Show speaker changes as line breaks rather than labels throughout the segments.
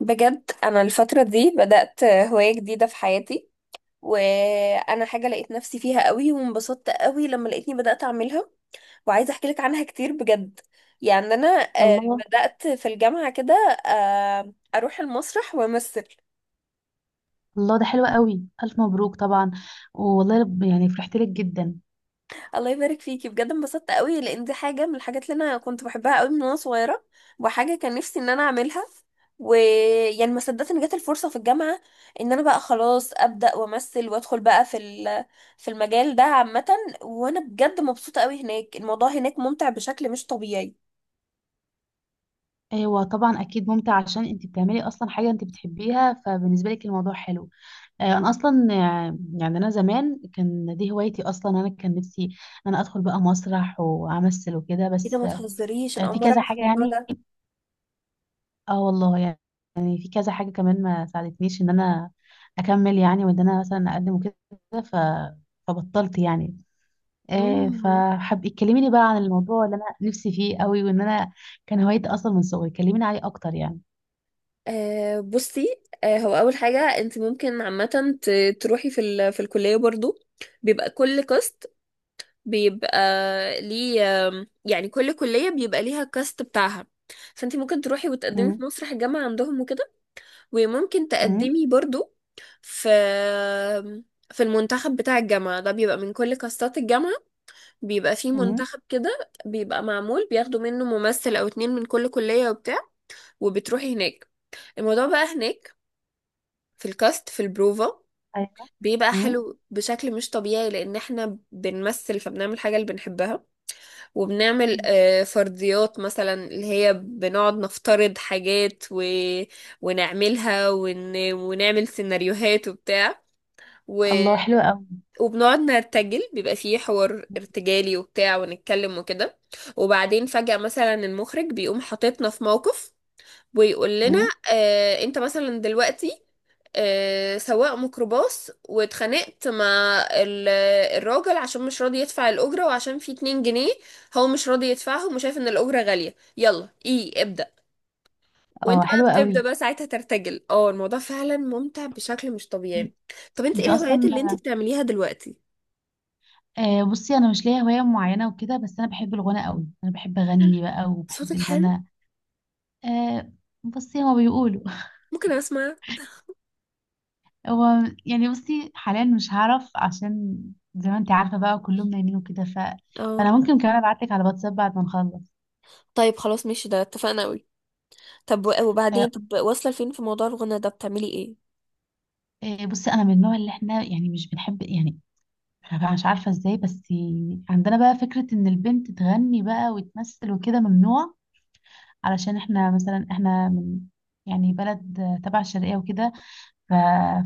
بجد انا الفتره دي بدات هوايه جديده في حياتي. وانا حاجه لقيت نفسي فيها قوي وانبسطت قوي لما لقيتني بدات اعملها. وعايزه احكي لك عنها كتير بجد. يعني انا، آه،
الله.
بدات في الجامعه كده. اروح المسرح وامثل.
ده حلو قوي، الف مبروك طبعا. والله يعني فرحت لك جدا.
الله يبارك فيكي بجد، انبسطت قوي لان دي حاجه من الحاجات اللي انا كنت بحبها قوي من وانا صغيره. وحاجه كان نفسي ان انا اعملها. ويعني ما صدقت ان جت الفرصه في الجامعه، ان انا بقى خلاص ابدا وامثل وادخل بقى في في المجال ده عامه. وانا بجد مبسوطه قوي هناك، الموضوع هناك ممتع بشكل مش طبيعي.
ايوه طبعا، اكيد ممتع عشان انت بتعملي اصلا حاجه انت بتحبيها، فبالنسبه لك الموضوع حلو. انا اصلا يعني انا زمان كان دي هوايتي اصلا، انا كان نفسي ان انا ادخل بقى مسرح وامثل وكده
ايه ده،
بس.
ما تهزريش، انا اول
في
مره
كذا
اعرف
حاجه
الموضوع
يعني.
ده.
اه والله يعني، يعني في كذا حاجه كمان ما ساعدتنيش ان انا اكمل يعني، وان انا مثلا اقدم وكده. ف- فبطلت يعني.
امم.
فحب اتكلمي لي بقى عن الموضوع اللي انا نفسي فيه قوي، وان انا كان هوايتي اصلا من صغري، كلميني عليه اكتر يعني.
بصي، هو اول حاجه انت ممكن عامه تروحي في في الكليه برضو. بيبقى كل كاست، بيبقى ليه. يعني كل كلية بيبقى ليها الكاست بتاعها. فانت ممكن تروحي وتقدمي
امم
في مسرح الجامعة عندهم وكده. وممكن
امم
تقدمي برضو في المنتخب بتاع الجامعة. ده بيبقى من كل كاستات الجامعة، بيبقى فيه
امم
منتخب كده بيبقى معمول، بياخدوا منه ممثل أو اتنين من كل كلية وبتاع. وبتروحي هناك، الموضوع بقى هناك في الكاست في البروفا
ايوه.
بيبقى
امم.
حلو بشكل مش طبيعي، لأن احنا بنمثل فبنعمل حاجة اللي بنحبها. وبنعمل فرضيات مثلا، اللي هي بنقعد نفترض حاجات ونعملها، ونعمل سيناريوهات وبتاع، و...
الله حلوة قوي.
وبنقعد نرتجل، بيبقى فيه حوار ارتجالي وبتاع ونتكلم وكده. وبعدين فجأة مثلا المخرج بيقوم حاططنا في موقف ويقول لنا:
امم.
انت مثلا دلوقتي سواق ميكروباص، واتخانقت مع الراجل عشان مش راضي يدفع الأجرة، وعشان في 2 جنيه هو مش راضي يدفعهم وشايف ان الأجرة غالية، يلا ايه ابدأ. وانت
اه
بقى
حلوة
بتبدأ
قوي.
بقى ساعتها ترتجل. اه، الموضوع فعلا ممتع بشكل مش
مم.
طبيعي. طب، انت ايه
انت
الهوايات
اصلا
اللي انت بتعمليها دلوقتي؟
بصي انا مش ليا هواية معينة وكده، بس انا بحب الغنى قوي، انا بحب اغني بقى وبحب
صوتك
ان
حلو،
انا آه، بصي هما بيقولوا
ممكن اسمع؟
هو، يعني بصي حاليا مش هعرف، عشان زي ما انت عارفة بقى كلهم نايمين وكده
اه،
فانا ممكن كمان ابعت لك على الواتساب بعد ما نخلص.
طيب خلاص ماشي، ده اتفقنا قوي. طب
آه،
وبعدين، طب واصلة لفين في موضوع الغنى ده، بتعملي ايه؟
بصي انا من النوع اللي احنا يعني مش بنحب يعني، أنا مش عارفه ازاي بس عندنا بقى فكره ان البنت تغني بقى وتمثل وكده ممنوع، علشان احنا مثلا احنا من، يعني بلد تبع الشرقيه وكده. ف-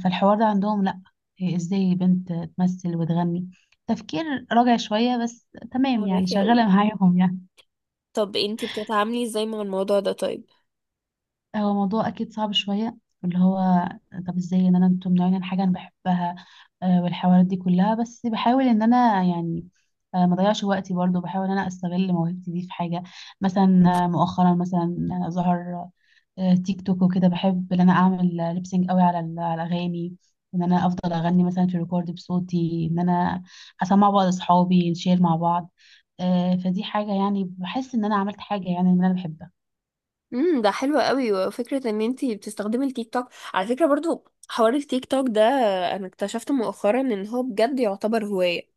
فالحوار ده عندهم لا، إيه، ازاي بنت تمثل وتغني، تفكير راجع شويه، بس تمام يعني،
فهماكي قوي.
شغاله معاهم يعني.
طب انتي بتتعاملي ازاي مع الموضوع ده طيب؟
هو موضوع اكيد صعب شويه، اللي هو طب ازاي ان انا انتوا ممنوعين عن حاجه انا بحبها، والحوارات دي كلها. بس بحاول ان انا يعني ما اضيعش وقتي برضو، بحاول ان انا استغل موهبتي دي في حاجه. مثلا مؤخرا مثلا ظهر تيك توك وكده، بحب ان انا اعمل ليبسينج قوي على الاغاني، ان انا افضل اغني مثلا في ريكورد بصوتي، ان انا اسمع بعض اصحابي نشير مع بعض. فدي حاجه يعني بحس ان انا عملت حاجه يعني ان انا بحبها.
امم، ده حلو قوي، وفكرة ان انتي بتستخدمي التيك توك. على فكرة برضو، حوار التيك توك ده انا اكتشفت مؤخرا ان هو بجد يعتبر هواية.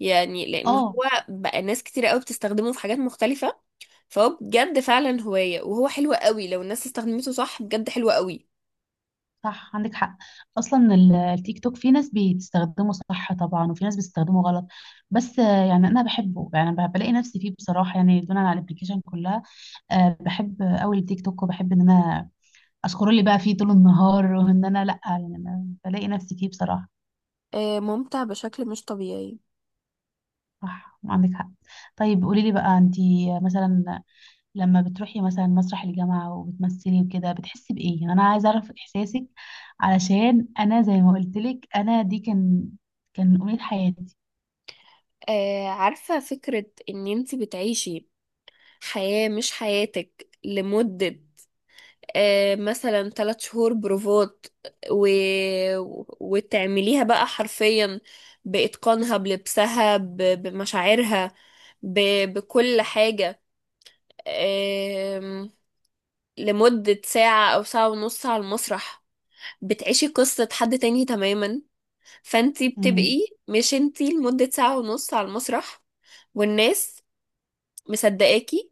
يعني لان
اه
هو بقى ناس كتير قوي بتستخدمه في حاجات مختلفة. فهو بجد فعلا هواية، وهو حلو قوي لو الناس استخدمته صح، بجد حلو قوي.
صح عندك حق، اصلا التيك توك في ناس بتستخدمه صح طبعا، وفي ناس بتستخدمه غلط. بس يعني انا بحبه يعني، بلاقي نفسي فيه بصراحه يعني، دونا على الابلكيشن كلها. بحب قوي التيك توك، وبحب ان انا اسكرول اللي بقى فيه طول النهار، وان انا لا يعني أنا بلاقي نفسي فيه بصراحه.
ممتع بشكل مش طبيعي.
صح عندك حق. طيب قولي لي بقى، انتي مثلا لما بتروحي مثلا مسرح الجامعة وبتمثلي وكده بتحسي بإيه؟ يعني أنا عايزة أعرف إحساسك، علشان أنا زي ما قلتلك أنا دي كان أمنية حياتي.
عارفة، فكرة ان انتي بتعيشي حياة مش حياتك لمدة مثلا 3 شهور بروفات، و... وتعمليها بقى حرفيا، بإتقانها، بلبسها، بمشاعرها، ب... بكل حاجة، آم، لمدة ساعة أو ساعة ونص على المسرح. بتعيشي قصة حد تاني تماما، فانتي
مم.
بتبقي مش انتي لمدة ساعة ونص على المسرح، والناس مصدقاكي.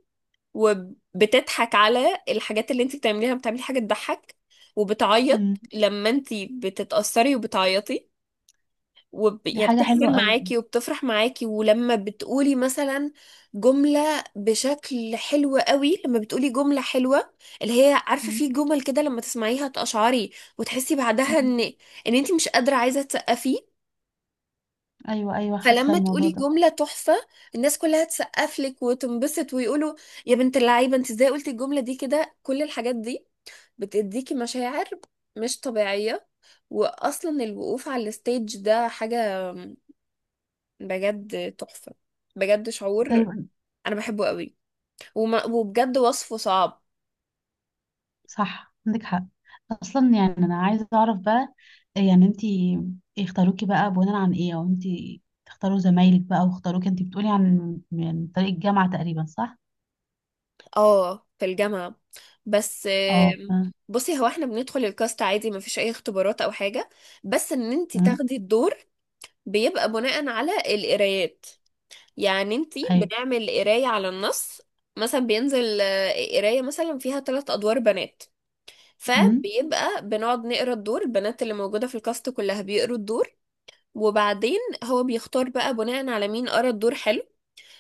وبتضحك على الحاجات اللي انت بتعمليها، بتعملي حاجة تضحك، وبتعيط
مم.
لما انت بتتأثري وبتعيطي،
دي
يعني
حاجة
بتحزن
حلوة قوي.
معاكي وبتفرح معاكي. ولما بتقولي مثلا جملة بشكل حلو قوي، لما بتقولي جملة حلوة، اللي هي عارفة،
مم.
في جمل كده لما تسمعيها تقشعري وتحسي بعدها ان
مم.
ان انت مش قادرة، عايزة تسقفي.
أيوة أيوة، حاسة
فلما
الموضوع
تقولي
ده.
جملة تحفة، الناس كلها تسقف لك وتنبسط ويقولوا: يا بنت اللعيبة، انت ازاي قلتي الجملة دي كده. كل الحاجات دي بتديكي مشاعر مش طبيعية. وأصلا الوقوف على الستيج ده حاجة بجد تحفة، بجد شعور
طيب
أنا بحبه قوي، وما وبجد وصفه صعب.
صح عندك حق. أصلا يعني أنا عايزة أعرف بقى، يعني أنتي اختاروكي بقى بناء عن إيه، أو أنتي تختاروا زمايلك بقى واختاروكي أنتي؟ بتقولي عن من طريق الجامعة تقريبا صح؟
اه، في الجامعة. بس
أه أه.
بصي هو احنا بندخل الكاست عادي، مفيش أي اختبارات أو حاجة، بس إن انتي
أمم.
تاخدي الدور بيبقى بناء على القرايات. يعني انتي
أيوة.
بنعمل قراية على النص، مثلا بينزل قراية مثلا فيها 3 أدوار بنات،
أمم.
فبيبقى بنقعد نقرا الدور، البنات اللي موجودة في الكاست كلها بيقروا الدور. وبعدين هو بيختار بقى بناء على مين قرا الدور حلو،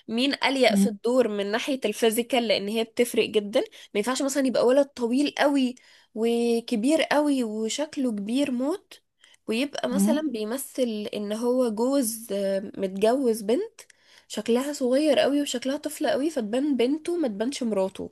مين أليق في الدور من ناحية الفيزيكال، لأن هي بتفرق جدا. ما ينفعش مثلا يبقى ولد طويل قوي وكبير قوي وشكله كبير موت، ويبقى مثلا
مم.
بيمثل إن هو جوز متجوز بنت شكلها صغير قوي وشكلها طفلة قوي، فتبان بنته ما تبانش مراته.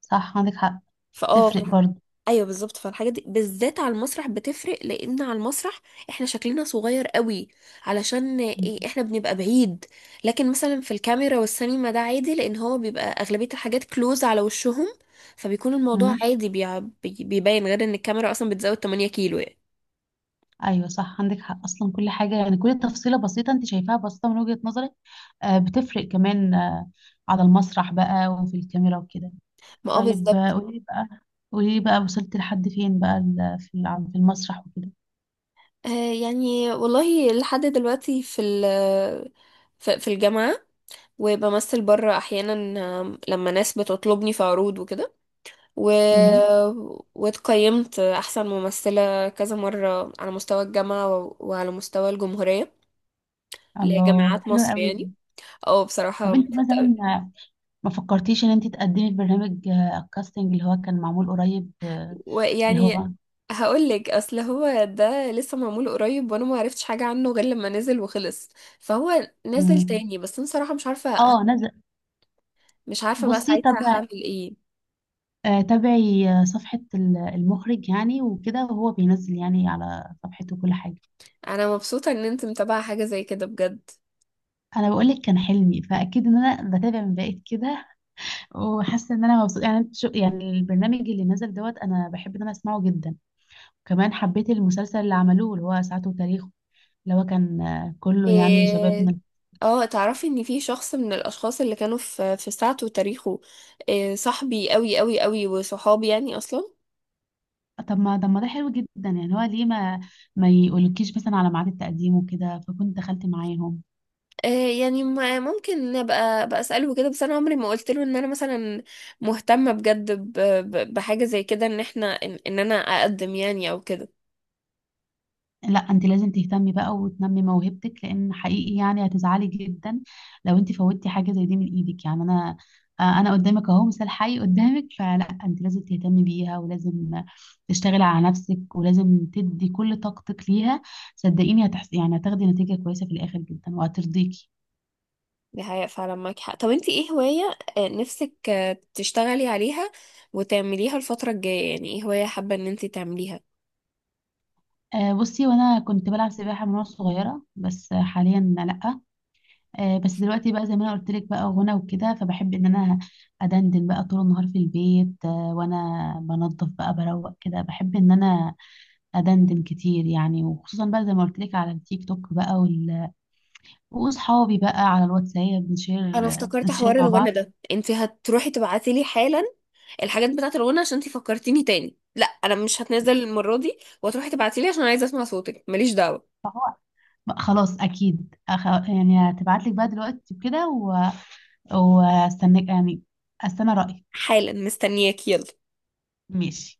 صح عندك حق.
فاه
تفرق
فالح...
برضه.
ايوه بالظبط، فالحاجات دي بالذات على المسرح بتفرق لان على المسرح احنا شكلنا صغير قوي، علشان إيه؟ احنا بنبقى بعيد. لكن مثلا في الكاميرا والسينما ده عادي، لان هو بيبقى اغلبية الحاجات كلوز على وشهم، فبيكون الموضوع
مم.
عادي، بيبين غير ان الكاميرا اصلا بتزود 8 كيلو يعني.
ايوه صح عندك حق، اصلا كل حاجه يعني كل تفصيله بسيطه انت شايفاها بسيطه من وجهه نظرك، آه بتفرق كمان، آه على المسرح بقى وفي الكاميرا وكده.
ما اه
طيب
بالظبط.
قولي بقى، قولي بقى وصلت لحد فين بقى في المسرح وكده.
آه يعني والله لحد دلوقتي في ال في في الجامعة، وبمثل بره احيانا لما ناس بتطلبني في عروض وكده، و...
مم.
واتقيمت أحسن ممثلة كذا مرة على مستوى الجامعة وعلى مستوى الجمهورية،
الله
لجامعات
حلو
مصر
قوي.
يعني. أو بصراحة
طب انت
انبسطت أوي.
مثلا ما فكرتيش ان انت تقدمي في برنامج الكاستنج اللي هو كان معمول قريب، آه، اللي
ويعني
هو
هقول لك، اصل هو ده لسه معمول قريب وانا ما عرفتش حاجه عنه غير لما نزل وخلص. فهو نزل
مم.
تاني بس انا صراحه مش عارفه.
اه نزل.
مش عارفه بقى
بصي طب
ساعتها هعمل ايه.
تابعي صفحة المخرج يعني وكده، وهو بينزل يعني على صفحته كل حاجة.
انا مبسوطه ان انت متابعه حاجه زي كده بجد.
انا بقول لك كان حلمي، فاكيد ان انا بتابع من بعيد كده وحاسه ان انا مبسوطه يعني. انت شو يعني البرنامج اللي نزل دوت، انا بحب ان انا اسمعه جدا. كمان حبيت المسلسل اللي عملوه اللي هو ساعته وتاريخه، اللي هو كان كله يعني
إيه،
شبابنا.
اه، تعرفي ان في شخص من الاشخاص اللي كانوا في ساعته وتاريخه، إيه صاحبي قوي قوي قوي، وصحابي يعني اصلا.
طب ما ده حلو جدا، يعني هو ليه ما ما يقولكيش مثلا على ميعاد التقديم وكده فكنت دخلت معاهم.
إيه يعني ممكن ابقى بقى اساله كده، بس انا عمري ما قلت له ان انا مثلا مهتمه بجد بحاجه زي كده، إن انا اقدم يعني او كده.
لا انت لازم تهتمي بقى وتنمي موهبتك، لان حقيقي يعني هتزعلي جدا لو انت فوتي حاجه زي دي من ايدك، يعني انا انا قدامك اهو، مثال حي قدامك، فلا انت لازم تهتمي بيها، ولازم تشتغلي على نفسك، ولازم تدي كل طاقتك ليها. صدقيني هتحس يعني هتاخدي نتيجه كويسه في الاخر جدا وهترضيكي.
دي حقيقة فعلا، معاكي حق. طب انتي ايه هواية نفسك تشتغلي عليها وتعمليها الفترة الجاية؟ يعني ايه هواية حابة ان انتي تعمليها؟
بصي وانا كنت بلعب سباحه من وانا صغيره، بس حاليا لا. بس دلوقتي بقى زي ما انا قلت لك بقى غنى وكده، فبحب ان انا ادندن بقى طول النهار في البيت، وانا بنظف بقى بروق كده، بحب ان انا ادندن كتير يعني، وخصوصا بقى زي ما قلت لك على التيك توك بقى واصحابي بقى على الواتساب،
انا
بنشير
افتكرت
بنشير
حوار
مع بعض.
الغنى ده، انت هتروحي تبعتي لي حالا الحاجات بتاعه الغنى عشان انت فكرتيني تاني. لا، انا مش هتنزل المره دي، وهتروحي تبعتي لي عشان عايزه اسمع صوتك، ماليش دعوه.
بقى خلاص اكيد، يعني هتبعت لك بقى دلوقتي كده واستناك يعني، استنى رايك.
حالا مستنياك، يلا.
ماشي.